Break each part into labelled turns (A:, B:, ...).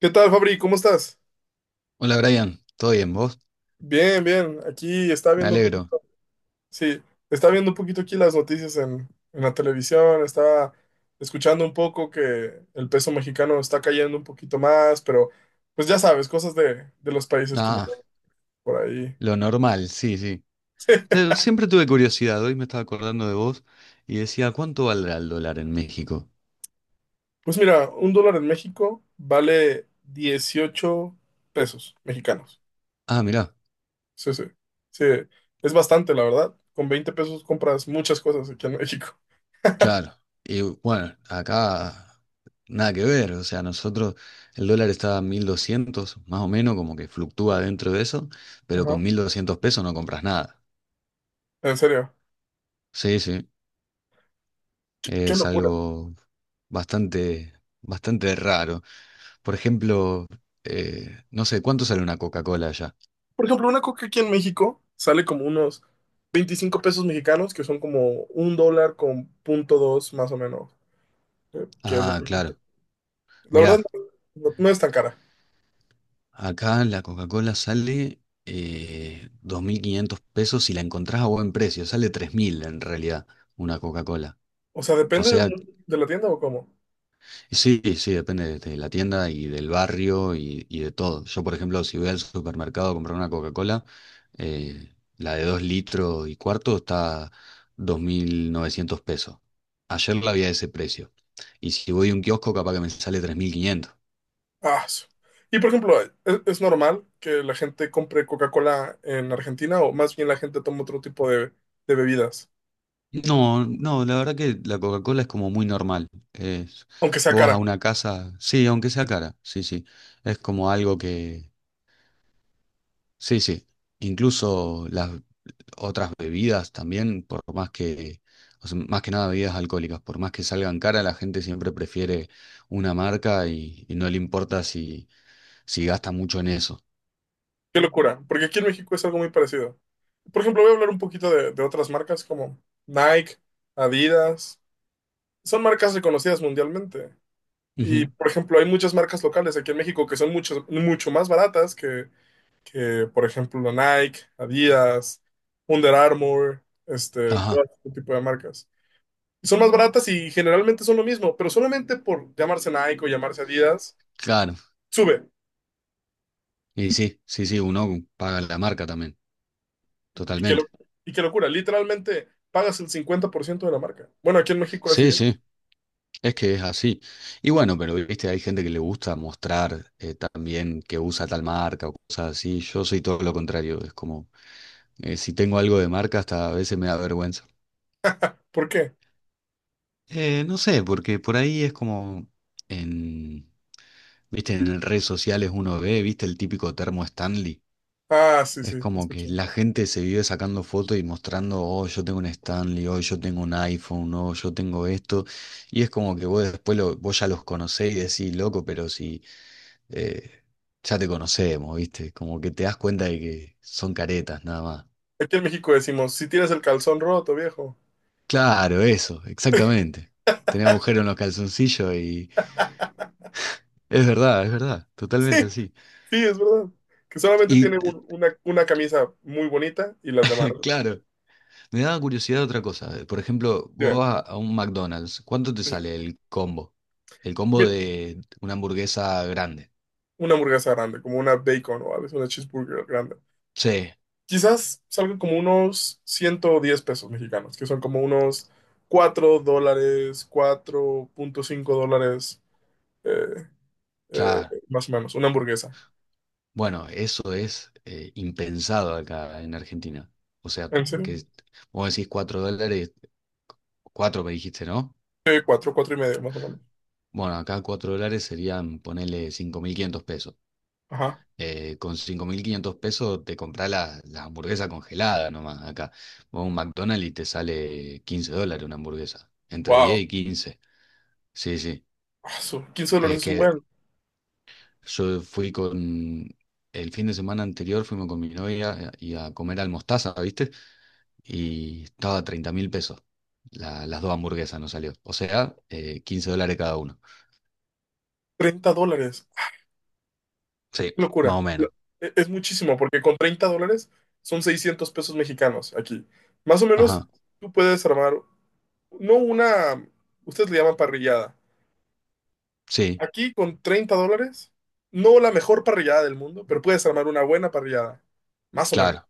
A: ¿Qué tal, Fabri? ¿Cómo estás?
B: Hola Brian, ¿todo bien vos?
A: Bien, bien. Aquí está
B: Me
A: viendo un
B: alegro.
A: poquito. Sí, está viendo un poquito aquí las noticias en la televisión. Estaba escuchando un poco que el peso mexicano está cayendo un poquito más, pero pues ya sabes, cosas de los países como que
B: Ah,
A: por ahí.
B: lo normal, sí, sí. Siempre tuve curiosidad, hoy me estaba acordando de vos y decía, ¿cuánto valdrá el dólar en México?
A: Pues mira, un dólar en México vale 18 pesos mexicanos.
B: Ah, mirá,
A: Sí, sí. Sí, es bastante, la verdad. Con 20 pesos compras muchas cosas aquí en México.
B: claro. Y bueno, acá nada que ver, o sea, nosotros el dólar está a 1.200 más o menos, como que fluctúa dentro de eso, pero
A: Ajá.
B: con 1.200 pesos no compras nada.
A: En serio.
B: Sí, sí,
A: Qué
B: es
A: locura.
B: algo bastante, bastante raro. Por ejemplo, no sé, ¿cuánto sale una Coca-Cola allá?
A: Por ejemplo, una coca aquí en México sale como unos 25 pesos mexicanos, que son como un dólar con punto dos más o menos, que es lo
B: Ah,
A: que cuesta.
B: claro.
A: La verdad,
B: Mirá,
A: no es tan cara.
B: acá la Coca-Cola sale 2.500 pesos y la encontrás a buen precio. Sale 3.000 en realidad una Coca-Cola.
A: O sea,
B: O
A: depende
B: sea.
A: de la tienda o cómo.
B: Sí, sí, depende de la tienda y del barrio y de todo. Yo, por ejemplo, si voy al supermercado a comprar una Coca-Cola, la de 2 litros y cuarto está 2.900 pesos. Ayer la había a ese precio. Y si voy a un kiosco, capaz que me sale 3.500.
A: Ah, su- Y por ejemplo, ¿Es normal que la gente compre Coca-Cola en Argentina o más bien la gente toma otro tipo de bebidas,
B: No, no, la verdad que la Coca-Cola es como muy normal. Es-
A: aunque sea
B: vos vas a
A: cara?
B: una casa, sí, aunque sea cara, sí, sí. Es como algo que, sí, sí. Incluso las otras bebidas también, por más que, o sea, más que nada bebidas alcohólicas, por más que salgan cara, la gente siempre prefiere una marca y no le importa si gasta mucho en eso.
A: Qué locura, porque aquí en México es algo muy parecido. Por ejemplo, voy a hablar un poquito de otras marcas como Nike, Adidas. Son marcas reconocidas mundialmente. Y,
B: Ujú.
A: por ejemplo, hay muchas marcas locales aquí en México que son mucho, mucho más baratas que, por ejemplo, Nike, Adidas, Under Armour, todo
B: Ajá,
A: este tipo de marcas. Y son más baratas y generalmente son lo mismo, pero solamente por llamarse Nike o llamarse Adidas,
B: claro.
A: sube.
B: Y sí, sí, sí, uno paga la marca también,
A: Y, y qué, lo-
B: totalmente.
A: y qué locura, literalmente pagas el 50% de la marca. Bueno, aquí en México así
B: Sí,
A: es.
B: sí, es que es así. Y bueno, pero viste, hay gente que le gusta mostrar también que usa tal marca o cosas así. Yo soy todo lo contrario, es como, si tengo algo de marca, hasta a veces me da vergüenza.
A: ¿Por qué?
B: No sé, porque por ahí es como en, viste, en redes sociales uno ve, viste, el típico termo Stanley.
A: Ah, sí,
B: Es
A: sí,
B: como que
A: escuché.
B: la gente se vive sacando fotos y mostrando, oh, yo tengo un Stanley, oh, yo tengo un iPhone, oh, yo tengo esto. Y es como que vos después vos ya los conocés y decís, loco, pero si eh, ya te conocemos, viste, como que te das cuenta de que son caretas nada más.
A: Aquí en México decimos, si tienes el calzón roto, viejo.
B: Claro, eso, exactamente. Tenés agujero en los calzoncillos. Es verdad, totalmente así.
A: Sí, es verdad. Que solamente
B: Y
A: tiene una camisa muy bonita y las demás.
B: claro, me daba curiosidad otra cosa. Por ejemplo, vos
A: Dime,
B: vas a un McDonald's, ¿cuánto te
A: dice,
B: sale el combo? El combo
A: mira,
B: de una hamburguesa grande.
A: una hamburguesa grande, como una bacon o a veces una cheeseburger grande.
B: Sí,
A: Quizás salgan como unos 110 pesos mexicanos, que son como unos $4, 4.5 dólares, eh, eh,
B: claro.
A: más o menos, una hamburguesa.
B: Bueno, eso es impensado acá en Argentina. O sea,
A: ¿En serio?
B: que vos decís 4 dólares. 4 me dijiste, ¿no?
A: Sí, cuatro 4 y medio, más o menos.
B: Bueno, acá 4 dólares serían, ponele 5.500 pesos.
A: Ajá.
B: Con 5.500 pesos te compras la hamburguesa congelada nomás acá. Vos a un McDonald's y te sale 15 dólares una hamburguesa. Entre diez
A: Wow.
B: y quince Sí, sí.
A: Asu, $15
B: Es
A: es un
B: que
A: buen.
B: yo fui con... El fin de semana anterior fuimos con mi novia y a comer al Mostaza, ¿viste? Y estaba a 30 mil pesos. Las dos hamburguesas nos salió. O sea, 15 dólares cada uno.
A: $30.
B: Sí, más
A: Locura.
B: o
A: E-
B: menos.
A: Es muchísimo, porque con $30 son 600 pesos mexicanos aquí. Más o menos,
B: Ajá.
A: tú puedes armar, no una, ustedes le llaman parrillada.
B: Sí,
A: Aquí con $30, no la mejor parrillada del mundo, pero puedes armar una buena parrillada. Más o menos.
B: claro.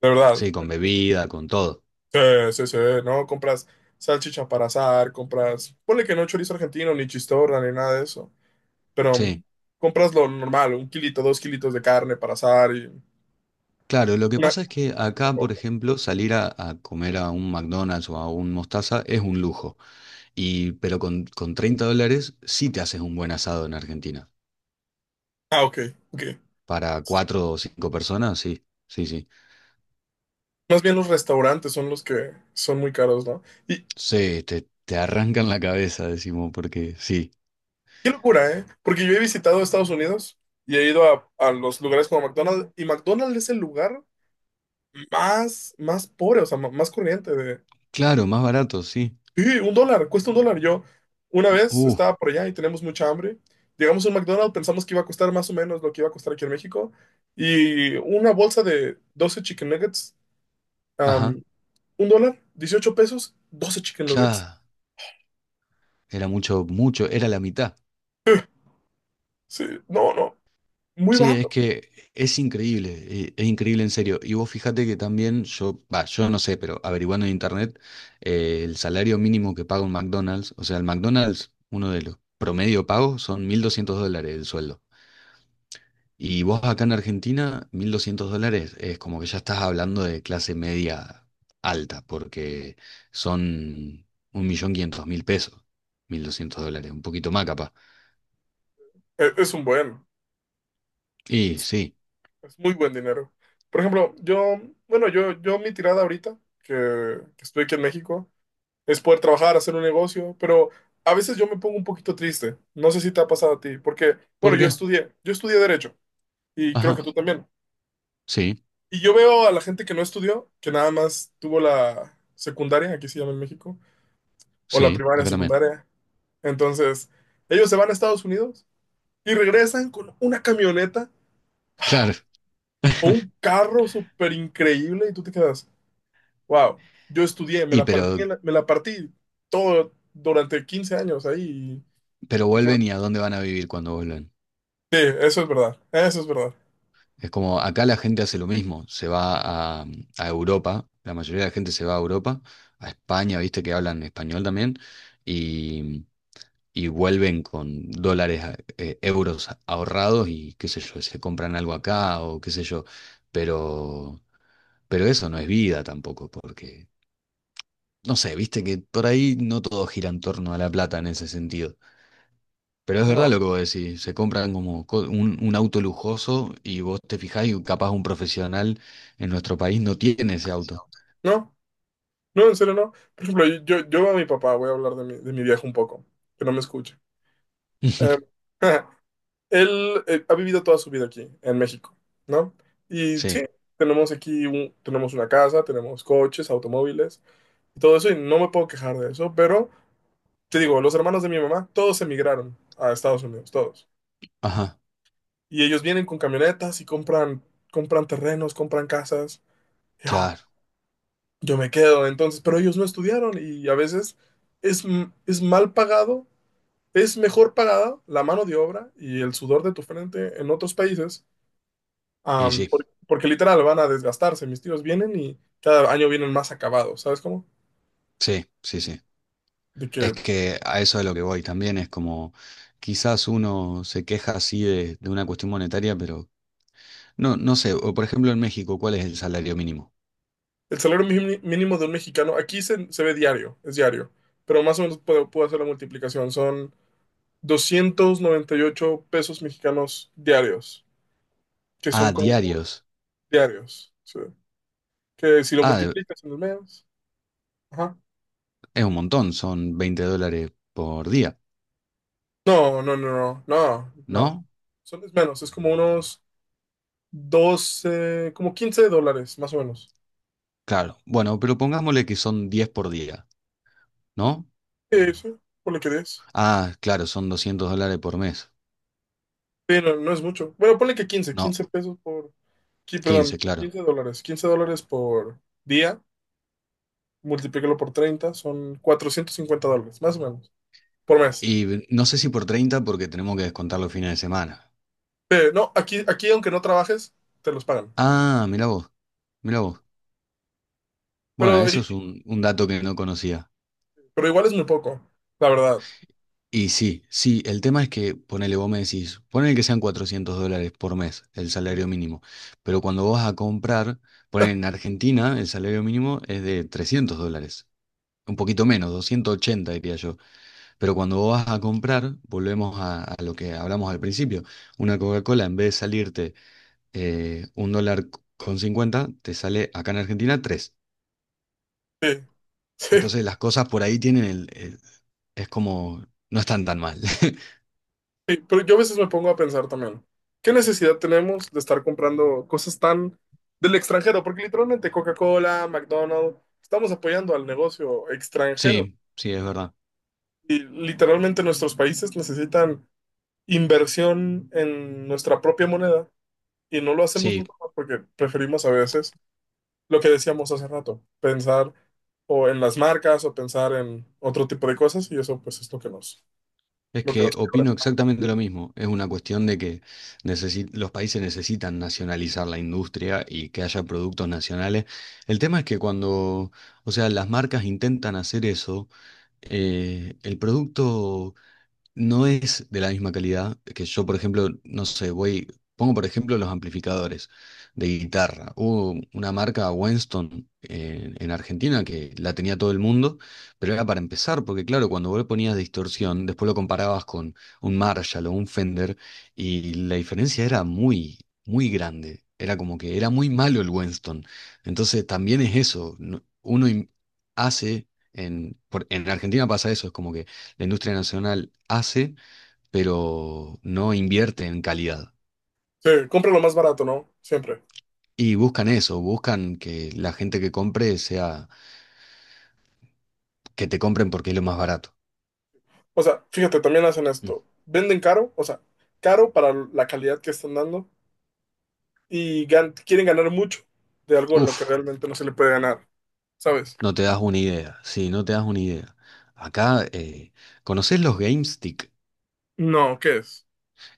A: De verdad.
B: Sí, con bebida, con todo.
A: Sí, sí, sí, ¿no? Compras salchicha para asar, compras, ponle que no chorizo argentino, ni chistorra, ni nada de eso. Pero
B: Sí.
A: compras lo normal, un kilito, dos kilitos de carne para asar y
B: Claro, lo que
A: una...
B: pasa es que acá, por ejemplo, salir a comer a un McDonald's o a un Mostaza es un lujo. Y, pero con 30 dólares sí te haces un buen asado en Argentina.
A: Ah, ok, ok.
B: Para cuatro o cinco personas, sí, sí, sí.
A: Más bien los restaurantes son los que son muy caros, ¿no? Y
B: Sí, te arrancan la cabeza, decimos, porque sí.
A: qué locura, ¿eh? Porque yo he visitado Estados Unidos y he ido a los lugares como McDonald's y McDonald's es el lugar más, más pobre, o sea, más corriente de...
B: Claro, más barato, sí.
A: Sí, un dólar, cuesta un dólar. Yo una vez
B: Uh,
A: estaba por allá y teníamos mucha hambre. Llegamos a un McDonald's, pensamos que iba a costar más o menos lo que iba a costar aquí en México. Y una bolsa de 12 chicken nuggets,
B: ajá.
A: am, un dólar, 18 pesos, 12 chicken nuggets.
B: Claro, era mucho, mucho, era la mitad.
A: Sí, no, no. Muy
B: Sí, es
A: barato.
B: que es increíble en serio. Y vos fíjate que también yo, va, yo no sé, pero averiguando en internet, el salario mínimo que paga un McDonald's, o sea, el McDonald's, uno de los promedio pagos son 1.200 dólares el sueldo. Y vos acá en Argentina, 1.200 dólares es como que ya estás hablando de clase media alta, porque son 1.500.000 pesos, 1.200 dólares, un poquito más capaz.
A: Es un buen,
B: Y
A: es, un-
B: sí,
A: es muy buen dinero. Por ejemplo, bueno, yo mi tirada ahorita, que estoy aquí en México, es poder trabajar, hacer un negocio, pero a veces yo me pongo un poquito triste. No sé si te ha pasado a ti, porque,
B: ¿por
A: bueno, yo
B: qué?
A: estudié, yo estudié Derecho y creo
B: Ajá,
A: que tú también.
B: sí,
A: Y yo veo a la gente que no estudió, que nada más tuvo la secundaria, aquí se llama en México, o la
B: sí,
A: primaria,
B: acá también.
A: secundaria. Entonces, ellos se van a Estados Unidos y regresan con una camioneta
B: Claro.
A: o un carro súper increíble y tú te quedas, wow, yo estudié, me
B: Y
A: la partí,
B: pero,
A: en la- me la partí todo durante 15 años ahí.
B: pero
A: Y nada".
B: vuelven y a dónde van a vivir cuando vuelven.
A: Sí, eso es verdad, eso es verdad.
B: Es como acá la gente hace lo mismo, se va a Europa, la mayoría de la gente se va a Europa, a España, viste que hablan español también, y, y vuelven con dólares, euros ahorrados y qué sé yo, se compran algo acá o qué sé yo, pero, pero eso no es vida tampoco, porque, no sé, viste que por ahí no todo gira en torno a la plata en ese sentido. Pero es verdad
A: No,
B: lo que vos decís, se compran como un auto lujoso y vos te fijás y capaz un profesional en nuestro país no tiene ese auto.
A: no, no, en serio no. Por ejemplo, yo a mi papá voy a hablar de mi viejo un poco, que no me escuche. Eh, él ha vivido toda su vida aquí, en México, ¿no? Y sí,
B: Sí,
A: tenemos aquí, tenemos una casa, tenemos coches, automóviles, y todo eso, y no me puedo quejar de eso, pero... Te digo, los hermanos de mi mamá, todos emigraron a Estados Unidos, todos.
B: ajá,
A: Y ellos vienen con camionetas y compran, terrenos, compran casas. Yo,
B: claro.
A: yo me quedo, entonces, pero ellos no estudiaron y a veces es mal pagado, es mejor pagada la mano de obra y el sudor de tu frente en otros países,
B: Y sí,
A: porque literal van a desgastarse. Mis tíos vienen y cada año vienen más acabados, ¿sabes cómo?
B: sí, sí, sí.
A: De
B: Es
A: que.
B: que a eso es lo que voy también, es como quizás uno se queja así de una cuestión monetaria, pero no, no sé, o por ejemplo en México, ¿cuál es el salario mínimo?
A: El salario mínimo de un mexicano, aquí se ve diario, es diario, pero más o menos puedo hacer la multiplicación. Son 298 pesos mexicanos diarios, que
B: Ah,
A: son como
B: diarios.
A: diarios. Sí. Que si lo
B: Ah,
A: multiplicas en el mes. Ajá.
B: es un montón, son 20 dólares por día,
A: No, no, no, no, no, no.
B: ¿no?
A: Son es menos, es como unos 12 como $15, más o menos.
B: Claro, bueno, pero pongámosle que son 10 por día. ¿No?
A: Sí, sí, ponle que 10.
B: Ah, claro, son 200 dólares por mes.
A: Sí, no, no es mucho. Bueno, ponle que quince
B: No,
A: quince pesos por... Sí,
B: 15
A: perdón,
B: claro.
A: $15, $15 por día multiplícalo por 30 son $450, más o menos, por mes.
B: Y no sé si por 30 porque tenemos que descontar los fines de semana.
A: No, aquí aunque no trabajes, te los pagan.
B: Ah, mirá vos, mirá vos. Bueno,
A: Pero,
B: eso es
A: i-
B: un dato que no conocía.
A: pero igual es muy poco, la verdad.
B: Y sí, sí, el tema es que, ponele, vos me decís, ponele que sean 400 dólares por mes el salario mínimo, pero cuando vos vas a comprar, ponele en Argentina el salario mínimo es de 300 dólares, un poquito menos, 280 diría yo. Pero cuando vos vas a comprar, volvemos a lo que hablamos al principio. Una Coca-Cola, en vez de salirte 1,50 dólares te sale acá en Argentina tres.
A: Sí, sí,
B: Entonces las cosas por ahí tienen es como, no están tan mal.
A: sí. Pero yo a veces me pongo a pensar también, ¿qué necesidad tenemos de estar comprando cosas tan del extranjero? Porque literalmente Coca-Cola, McDonald's, estamos apoyando al negocio extranjero.
B: Sí, sí, es verdad.
A: Y literalmente nuestros países necesitan inversión en nuestra propia moneda. Y no lo hacemos
B: Sí,
A: nunca más porque preferimos a veces lo que decíamos hace rato, pensar o en las marcas o pensar en otro tipo de cosas y eso pues es lo que nos,
B: es
A: lo que
B: que
A: nos quiebra.
B: opino exactamente lo mismo. Es una cuestión de que los países necesitan nacionalizar la industria y que haya productos nacionales. El tema es que cuando, o sea, las marcas intentan hacer eso, el producto no es de la misma calidad que yo, por ejemplo, no sé, voy, pongo por ejemplo los amplificadores de guitarra. Hubo una marca Winston en Argentina que la tenía todo el mundo, pero era para empezar, porque claro, cuando vos le ponías distorsión, después lo comparabas con un Marshall o un Fender y la diferencia era muy, muy grande. Era como que era muy malo el Winston. Entonces también es eso, uno hace... En Argentina pasa eso, es como que la industria nacional hace, pero no invierte en calidad.
A: Sí, compra lo más barato, ¿no? Siempre.
B: Y buscan eso, buscan que la gente que compre sea, que te compren porque es lo más barato.
A: O sea, fíjate, también hacen
B: Mm.
A: esto. Venden caro, o sea, caro para la calidad que están dando y quieren ganar mucho de algo en lo que
B: Uf,
A: realmente no se le puede ganar, ¿sabes?
B: no te das una idea, sí, no te das una idea. Acá, ¿conocés los GameStick?
A: No, ¿qué es?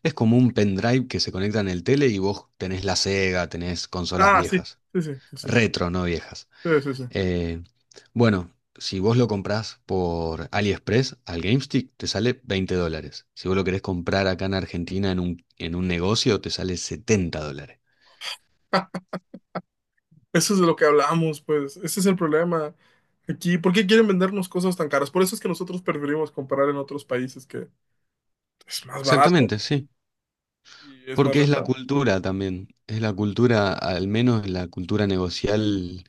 B: Es como un pendrive que se conecta en el tele y vos tenés la Sega, tenés consolas
A: Ah, sí,
B: viejas.
A: sí, sí, sí, sí,
B: Retro, no viejas.
A: sí, sí, sí.
B: Eh, bueno, si vos lo comprás por AliExpress al GameStick, te sale 20 dólares. Si vos lo querés comprar acá en Argentina en un negocio, te sale 70 dólares.
A: Eso es de lo que hablamos, pues. Ese es el problema aquí. ¿Por qué quieren vendernos cosas tan caras? Por eso es que nosotros preferimos comprar en otros países que es más barato
B: Exactamente, sí.
A: y es más
B: Porque es la
A: rentable.
B: cultura también. Es la cultura, al menos la cultura negocial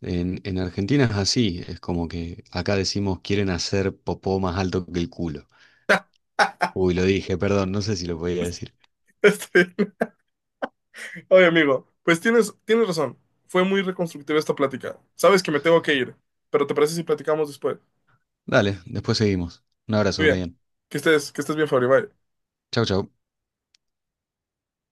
B: en Argentina es así. Es como que acá decimos quieren hacer popó más alto que el culo. Uy, lo dije, perdón, no sé si lo podía decir.
A: Este, oye, amigo, pues tienes razón. Fue muy reconstructiva esta plática. Sabes que me tengo que ir, pero ¿te parece si platicamos después?
B: Dale, después seguimos. Un abrazo,
A: Muy bien.
B: Brian.
A: Que estés bien, Fabri. Bye.
B: Chau, chau.